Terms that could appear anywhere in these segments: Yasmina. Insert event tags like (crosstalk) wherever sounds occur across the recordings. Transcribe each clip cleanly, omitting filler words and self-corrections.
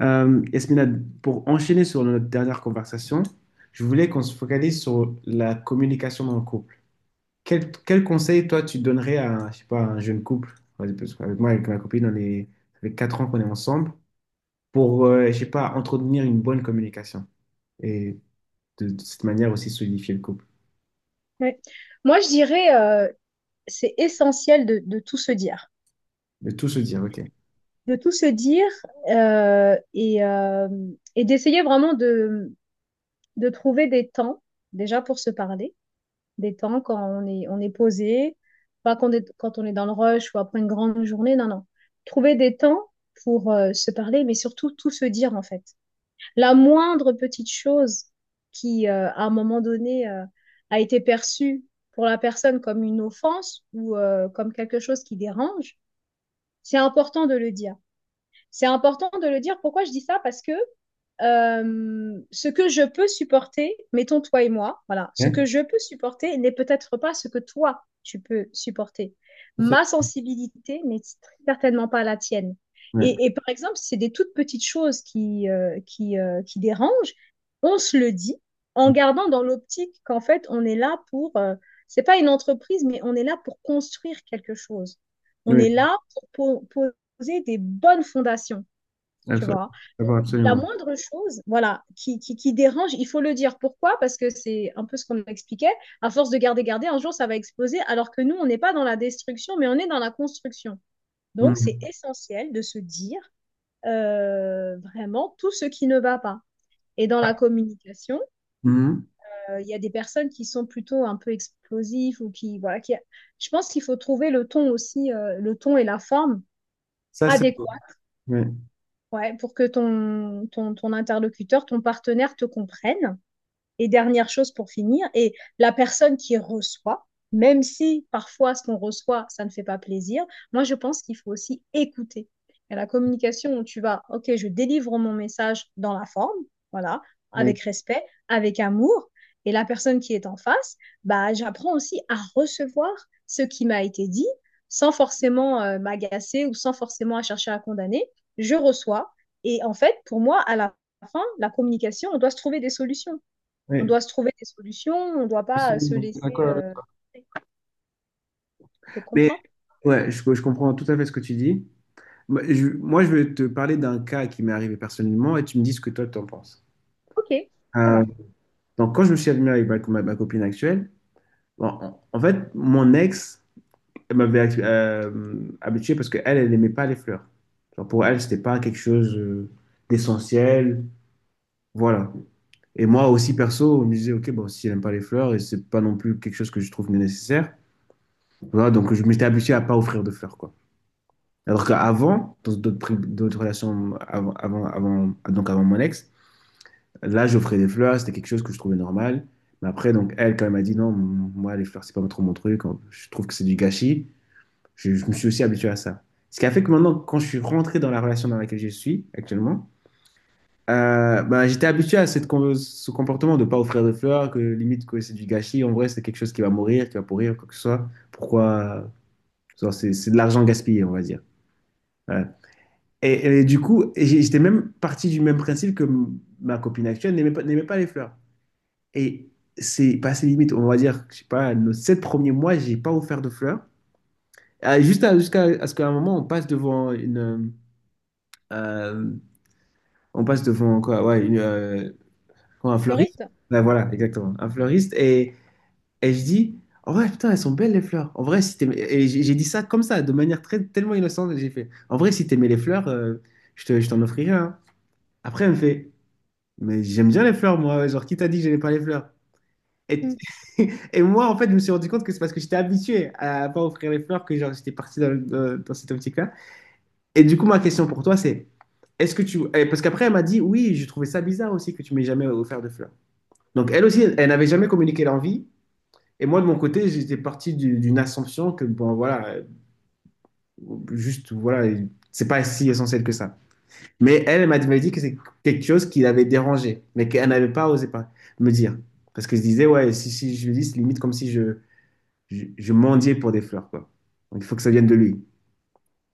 Yasmina, pour enchaîner sur notre dernière conversation, je voulais qu'on se focalise sur la communication dans le couple. Quel conseil, toi, tu donnerais à, je sais pas, un jeune couple? Vas-y, parce qu'avec moi, avec ma copine, on est, ça fait 4 ans qu'on est ensemble, pour, je sais pas, entretenir une bonne communication et de cette manière aussi solidifier le couple. Ouais. Moi, je dirais, c'est essentiel de tout se dire, De tout se dire, ok. de tout se dire et et d'essayer vraiment de trouver des temps, déjà pour se parler, des temps quand on est posé, pas quand quand on est dans le rush ou après une grande journée, non, non. Trouver des temps pour se parler, mais surtout tout se dire en fait. La moindre petite chose à un moment donné, a été perçue pour la personne comme une offense ou comme quelque chose qui dérange, c'est important de le dire. C'est important de le dire. Pourquoi je dis ça? Parce que ce que je peux supporter, mettons toi et moi, voilà, ce que Hein. je peux supporter n'est peut-être pas ce que toi tu peux supporter. Ma sensibilité n'est certainement pas la tienne. Ouais. Et par exemple, si c'est des toutes petites choses qui dérangent. On se le dit en gardant dans l'optique qu'en fait, on est là pour, c'est pas une entreprise, mais on est là pour construire quelque chose. On Oui, est là pour poser des bonnes fondations, tu absolument. vois. Donc, D'abord, la absolument. moindre chose, voilà, qui dérange, il faut le dire. Pourquoi? Parce que c'est un peu ce qu'on expliquait. À force de garder, un jour, ça va exploser, alors que nous, on n'est pas dans la destruction, mais on est dans la construction. Donc, c'est Mhm. essentiel de se dire vraiment tout ce qui ne va pas. Et dans la communication, Mhm. Il y a des personnes qui sont plutôt un peu explosives ou je pense qu'il faut trouver le ton aussi, le ton et la forme Ça, c'est beau. adéquats. Oui, Ouais, pour que ton interlocuteur, ton partenaire te comprenne. Et dernière chose pour finir, et la personne qui reçoit, même si parfois ce qu'on reçoit, ça ne fait pas plaisir, moi je pense qu'il faut aussi écouter. Et la communication où tu vas, ok, je délivre mon message dans la forme, voilà, oui, avec respect, avec amour, et la personne qui est en face, bah, j'apprends aussi à recevoir ce qui m'a été dit sans forcément m'agacer ou sans forcément à chercher à condamner. Je reçois. Et en fait, pour moi, à la fin, la communication, on doit se trouver des solutions. On oui, doit se trouver des solutions, on ne doit pas se absolument. laisser. D'accord avec toi. Je Mais comprends. ouais, je comprends tout à fait ce que tu dis. Moi, je vais te parler d'un cas qui m'est arrivé personnellement et tu me dis ce que toi, tu en penses. Ok, ça Euh, va. donc, quand je me suis admis avec ma copine actuelle, bon, en fait, mon ex elle m'avait habitué parce qu'elle, elle n'aimait pas les fleurs. Genre, pour elle, c'était pas quelque chose d'essentiel. Voilà. Et moi aussi, perso, je me disais, OK, bon, si elle n'aime pas les fleurs, et c'est pas non plus quelque chose que je trouve nécessaire. Voilà, donc je m'étais habitué à pas offrir de fleurs, quoi. Alors qu'avant, dans d'autres relations donc avant mon ex, là, j'offrais des fleurs, c'était quelque chose que je trouvais normal. Mais après, donc, elle, quand elle m'a dit non, moi, les fleurs, c'est pas trop mon truc, je trouve que c'est du gâchis, je me suis aussi habitué à ça. Ce qui a fait que maintenant, quand je suis rentré dans la relation dans laquelle je suis actuellement, j'étais habitué à ce comportement de ne pas offrir de fleurs, que limite que c'est du gâchis. En vrai, c'est quelque chose qui va mourir, qui va pourrir, quoi que ce soit. Pourquoi? C'est de l'argent gaspillé, on va dire. Ouais. Et du coup, j'étais même parti du même principe que ma copine actuelle n'aimait pas les fleurs. Et c'est passé limite. On va dire, je sais pas, nos sept premiers mois, j'ai pas offert de fleurs. Ah, jusqu'à à ce qu'à un moment, on passe devant une, euh, on passe devant quoi, ouais, une, quoi, Un un fleuriste. fleuriste? Ouais, voilà, exactement, un fleuriste. Et je dis, oh ouais, putain, elles sont belles les fleurs. En vrai, si t'aimais- et j'ai dit ça comme ça, de manière très tellement innocente. J'ai fait, en vrai, si t'aimais les fleurs, je t'en offrirais, hein. Après, elle me fait. Mais j'aime bien les fleurs, moi. Genre, qui t'a dit que j'aimais pas les fleurs? Et, Hmm, (laughs) et moi, en fait, je me suis rendu compte que c'est parce que j'étais habitué à pas offrir les fleurs que genre, j'étais parti dans cette optique-là. Et du coup, ma question pour toi, c'est est-ce que tu. Parce qu'après, elle m'a dit oui, je trouvais ça bizarre aussi que tu m'aies jamais offert de fleurs. Donc, elle aussi, elle n'avait jamais communiqué l'envie. Et moi, de mon côté, j'étais parti d'une assumption que, bon, voilà, juste, voilà, c'est pas si essentiel que ça. Mais elle, elle m'avait dit que c'est quelque chose qui l'avait dérangée, mais qu'elle n'avait pas osé pas me dire. Parce que je disais, ouais, si je lui dis, c'est limite comme si je mendiais pour des fleurs, quoi. Donc il faut que ça vienne de lui.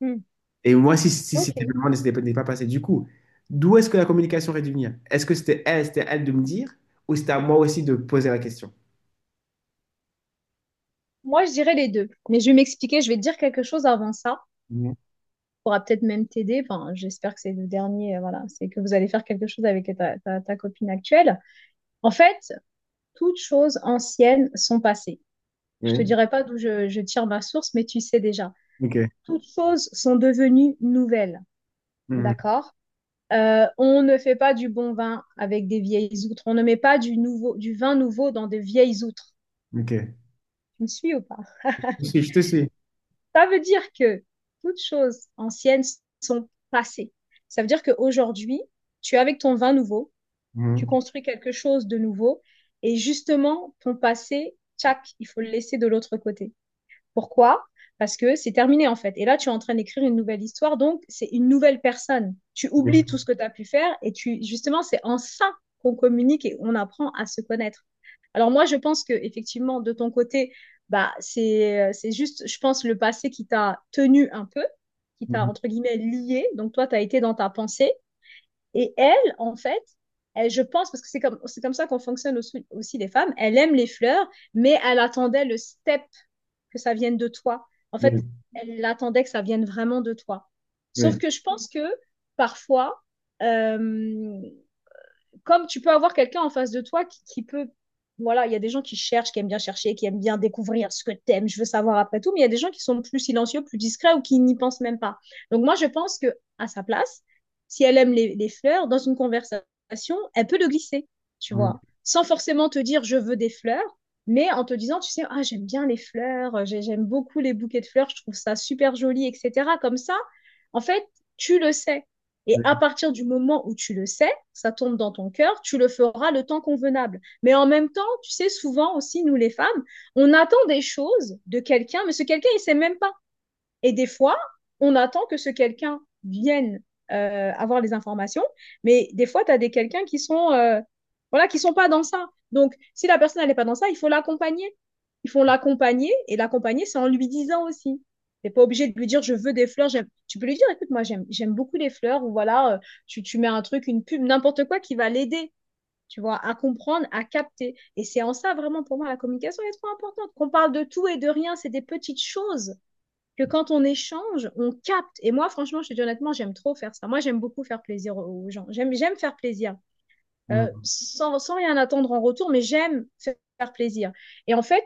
hmm, Et moi, si Ok. c'était vraiment moment, ne s'était pas n'était pas passé. Du coup, d'où est-ce que la communication aurait dû venir? Est-ce que c'était elle de me dire, ou c'était à moi aussi de poser la question? Moi, je dirais les deux. Mais je vais m'expliquer, je vais te dire quelque chose avant ça. Mhm. Pourra peut-être même t'aider. Enfin, j'espère que c'est le dernier. Voilà, c'est que vous allez faire quelque chose avec ta copine actuelle. En fait, toutes choses anciennes sont passées. Je te Oui, dirai pas d'où je tire ma source, mais tu sais déjà. ok. Toutes choses sont devenues nouvelles. Mhm. D'accord? On ne fait pas du bon vin avec des vieilles outres. On ne met pas du vin nouveau dans de vieilles outres. Ok. Tu me suis ou pas? Je te suis, je te suis. Ça veut dire que toutes choses anciennes sont passées. Ça veut dire qu'aujourd'hui, tu es avec ton vin nouveau, tu Mhm. construis quelque chose de nouveau, et justement, ton passé, tchac, il faut le laisser de l'autre côté. Pourquoi? Parce que c'est terminé en fait. Et là, tu es en train d'écrire une nouvelle histoire, donc c'est une nouvelle personne. Tu Oui. oublies tout ce que tu as pu faire et tu justement, c'est en ça qu'on communique et on apprend à se connaître. Alors moi, je pense que effectivement, de ton côté, bah c'est juste, je pense, le passé qui t'a tenu un peu, qui t'a Mhm. entre guillemets lié. Donc toi, tu as été dans ta pensée et elle, en fait, elle, je pense, parce que c'est comme ça qu'on fonctionne aussi les femmes, elle aime les fleurs, mais elle attendait le step que ça vienne de toi. En Oui. fait, elle attendait que ça vienne vraiment de toi. Sauf Oui. que je pense que parfois, euh, comme tu peux avoir quelqu'un en face de toi qui peut. Voilà, il y a des gens qui cherchent, qui aiment bien chercher, qui aiment bien découvrir ce que t'aimes, je veux savoir après tout, mais il y a des gens qui sont plus silencieux, plus discrets ou qui n'y pensent même pas. Donc moi, je pense que à sa place, si elle aime les fleurs, dans une conversation, elle peut le glisser, tu Mhm. vois, sans forcément te dire je veux des fleurs, mais en te disant, tu sais, ah, j'aime bien les fleurs, j'aime beaucoup les bouquets de fleurs, je trouve ça super joli, etc. Comme ça, en fait, tu le sais. Et Oui. à partir du moment où tu le sais, ça tombe dans ton cœur, tu le feras le temps convenable. Mais en même temps, tu sais, souvent aussi, nous les femmes, on attend des choses de quelqu'un, mais ce quelqu'un, il sait même pas. Et des fois, on attend que ce quelqu'un vienne avoir les informations, mais des fois, tu as des quelqu'un qui sont voilà, qui sont pas dans ça. Donc, si la personne n'est pas dans ça, il faut l'accompagner. Il faut l'accompagner et l'accompagner, c'est en lui disant aussi. T'es pas obligé de lui dire je veux des fleurs. Tu peux lui dire écoute moi j'aime beaucoup les fleurs ou voilà tu mets un truc une pub n'importe quoi qui va l'aider, tu vois, à comprendre à capter, et c'est en ça vraiment pour moi la communication est trop importante qu'on parle de tout et de rien, c'est des petites choses que quand on échange, on capte. Et moi, franchement, je te dis honnêtement, j'aime trop faire ça. Moi, j'aime beaucoup faire plaisir aux gens. J'aime faire plaisir Mhm. Sans rien attendre en retour, mais j'aime faire plaisir. Et en fait,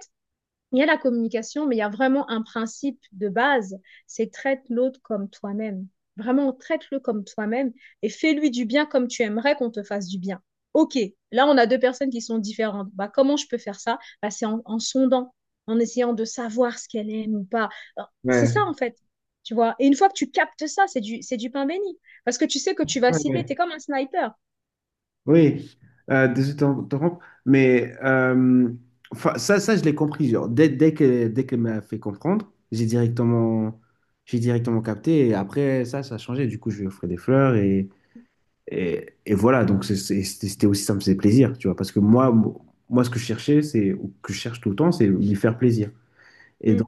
il y a la communication, mais il y a vraiment un principe de base, c'est traite l'autre comme toi-même. Vraiment, traite-le comme toi-même et fais-lui du bien comme tu aimerais qu'on te fasse du bien. OK, là, on a deux personnes qui sont différentes. Bah, comment je peux faire ça, bah, c'est en, en sondant, en essayant de savoir ce qu'elle aime ou pas. Alors, c'est Ouais. ça, en fait. Tu vois. Et une fois que tu captes ça, c'est du pain béni. Parce que tu sais que tu vas Ouais, cibler, tu es ouais. comme un sniper. Oui, désolé de t'interrompre, mais enfin, je l'ai compris. Genre, dès qu'elle m'a fait comprendre, j'ai directement capté. Et après, ça a changé. Du coup, je lui ai offert des fleurs et voilà. Donc, c'était aussi, ça me faisait plaisir, tu vois. Parce que ce que je cherchais, c'est, ou que je cherche tout le temps, c'est lui faire plaisir. Et Mm, donc,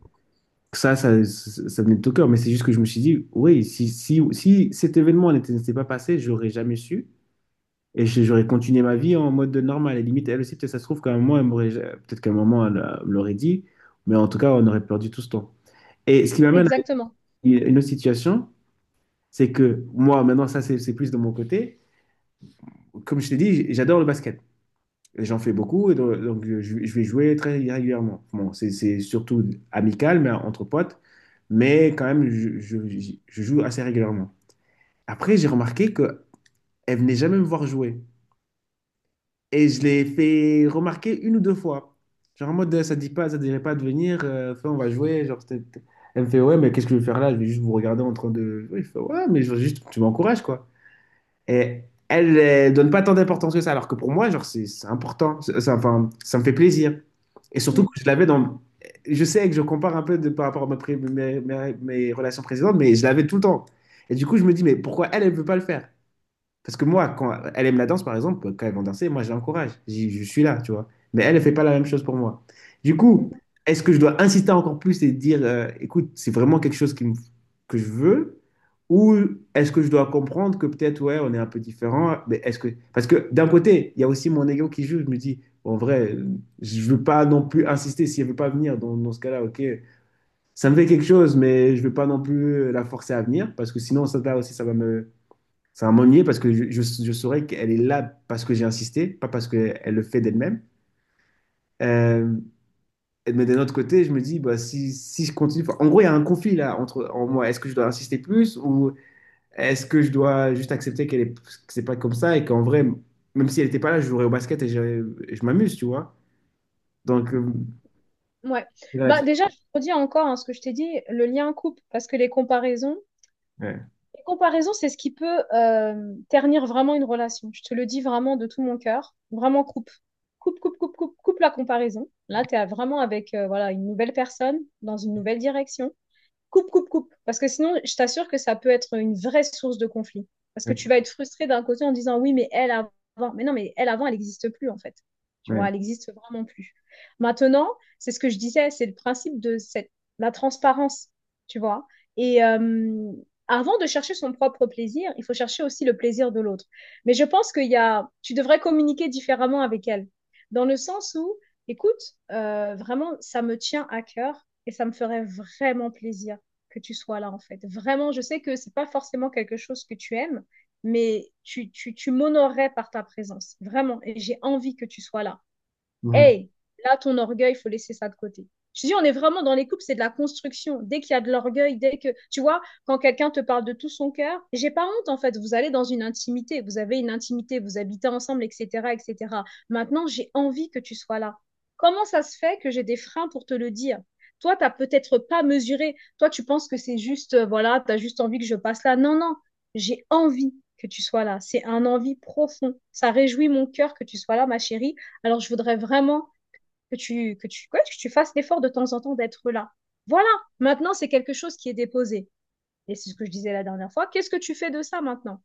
ça venait de tout cœur. Mais c'est juste que je me suis dit, oui, si cet événement n'était pas passé, j'aurais jamais su. Et j'aurais continué ma vie en mode normal. Et limite, elle aussi, peut-être ça se trouve qu'à un moment, elle m'aurait, peut-être qu'à un moment, elle me l'aurait dit. Mais en tout cas, on aurait perdu tout ce temps. Et ce qui m'amène à exactement. une autre situation, c'est que moi, maintenant, ça, c'est plus de mon côté. Comme je t'ai dit, j'adore le basket. Et j'en fais beaucoup, et je vais jouer très régulièrement. Bon, c'est surtout amical, mais entre potes. Mais quand même, je joue assez régulièrement. Après, j'ai remarqué qu'elle venait jamais me voir jouer. Et je l'ai fait remarquer une ou deux fois. Genre en mode, ça dirait pas de venir, enfin, on va jouer. Genre, elle me fait, ouais, mais qu'est-ce que je vais faire là? Je vais juste vous regarder en train de. Oui, je fais, ouais, mais je juste, tu m'encourages, quoi. Et elle, elle donne pas tant d'importance que ça, alors que pour moi, genre, c'est important. Enfin, ça me fait plaisir. Et surtout Mm, que je l'avais dans. Je sais que je compare un peu de, par rapport à ma pré- mes, mes- mes relations précédentes, mais je l'avais tout le temps. Et du coup, je me dis, mais pourquoi elle, elle ne veut pas le faire? Parce que moi, quand elle aime la danse, par exemple, quand elles vont danser, moi, je l'encourage. Je suis là, tu vois. Mais elle ne fait pas la même chose pour moi. Du coup, mm. est-ce que je dois insister encore plus et dire, écoute, c'est vraiment quelque chose que je veux? Ou est-ce que je dois comprendre que peut-être, ouais, on est un peu différent, mais est-ce que... Parce que d'un côté, il y a aussi mon ego qui joue. Je me dis, bon, en vrai, je veux pas non plus insister si elle veut pas venir. Dans ce cas-là, ok, ça me fait quelque chose, mais je veux pas non plus la forcer à venir parce que sinon, ça, là aussi, ça va m'ennuyer parce que je saurais qu'elle est là parce que j'ai insisté, pas parce qu'elle le fait d'elle-même. Euh, mais d'un autre côté, je me dis, bah, si je continue. Enfin, en gros, il y a un conflit là entre en moi. Est-ce que je dois insister plus ou est-ce que je dois juste accepter qu'elle est, que c'est pas comme ça et qu'en vrai, même si elle n'était pas là, je jouerais au basket et je m'amuse, tu vois. Donc, Ouais. c'est Bah là-dessus. déjà, je redis encore hein, ce que je t'ai dit, le lien couple, parce que Ouais, les comparaisons, c'est ce qui peut ternir vraiment une relation. Je te le dis vraiment de tout mon cœur, vraiment coupe, coupe, coupe, coupe, coupe, coupe la comparaison. Là, tu es vraiment avec voilà une nouvelle personne dans une nouvelle direction, coupe, coupe, coupe. Parce que sinon, je t'assure que ça peut être une vraie source de conflit. Parce que tu ouais, vas être frustré d'un côté en disant oui, mais elle avant, mais non, mais elle avant, elle n'existe plus en fait. Tu vois, ouais. elle n'existe vraiment plus. Maintenant, c'est ce que je disais, c'est le principe de cette, la transparence, tu vois. Et avant de chercher son propre plaisir, il faut chercher aussi le plaisir de l'autre. Mais je pense qu'il y a, tu devrais communiquer différemment avec elle, dans le sens où, écoute, vraiment, ça me tient à cœur et ça me ferait vraiment plaisir que tu sois là, en fait. Vraiment, je sais que c'est pas forcément quelque chose que tu aimes, mais tu m'honorerais par ta présence, vraiment. Et j'ai envie que tu sois là. Mhm. Hey, là, ton orgueil, il faut laisser ça de côté. Je dis, on est vraiment dans les couples, c'est de la construction. Dès qu'il y a de l'orgueil, dès que, tu vois, quand quelqu'un te parle de tout son cœur, j'ai pas honte, en fait. Vous allez dans une intimité, vous avez une intimité, vous habitez ensemble, etc., etc. Maintenant, j'ai envie que tu sois là. Comment ça se fait que j'ai des freins pour te le dire? Toi, t'as peut-être pas mesuré. Toi, tu penses que c'est juste, voilà, t'as juste envie que je passe là. Non, non, j'ai envie que tu sois là. C'est un envie profond. Ça réjouit mon cœur que tu sois là, ma chérie. Alors, je voudrais vraiment que ouais, que tu fasses l'effort de temps en temps d'être là. Voilà, maintenant, c'est quelque chose qui est déposé. Et c'est ce que je disais la dernière fois. Qu'est-ce que tu fais de ça maintenant?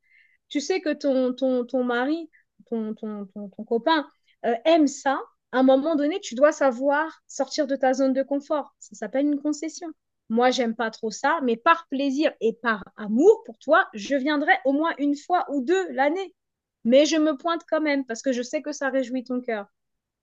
Tu sais que ton mari, ton copain aime ça. À un moment donné, tu dois savoir sortir de ta zone de confort. Ça s'appelle une concession. Moi, j'aime pas trop ça, mais par plaisir et par amour pour toi, je viendrai au moins une fois ou deux l'année. Mais je me pointe quand même parce que je sais que ça réjouit ton cœur.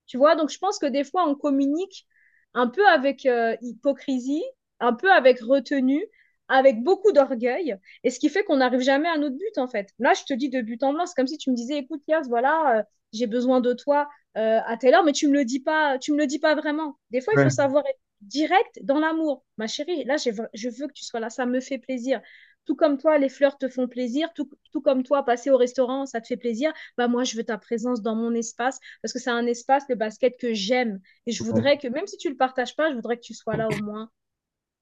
Tu vois, donc je pense que des fois, on communique un peu avec hypocrisie, un peu avec retenue, avec beaucoup d'orgueil, et ce qui fait qu'on n'arrive jamais à notre but, en fait. Là, je te dis de but en blanc, c'est comme si tu me disais, écoute, Yas, voilà, j'ai besoin de toi à telle heure, mais tu me le dis pas, tu me le dis pas vraiment. Des fois, il faut Ouais, savoir être direct dans l'amour. Ma chérie, là, je veux que tu sois là, ça me fait plaisir. Tout comme toi, les fleurs te font plaisir, tout comme toi, passer au restaurant, ça te fait plaisir. Bah, moi, je veux ta présence dans mon espace parce que c'est un espace, le basket, que j'aime. Et je ouais. voudrais que, même si tu ne le partages pas, je voudrais que tu sois là au moins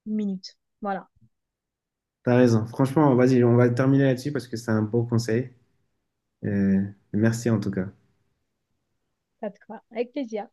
une minute. Voilà. T'as raison. Franchement, vas-y, on va terminer là-dessus parce que c'est un beau conseil. Euh, Merci en tout cas. Ça te va. Avec plaisir.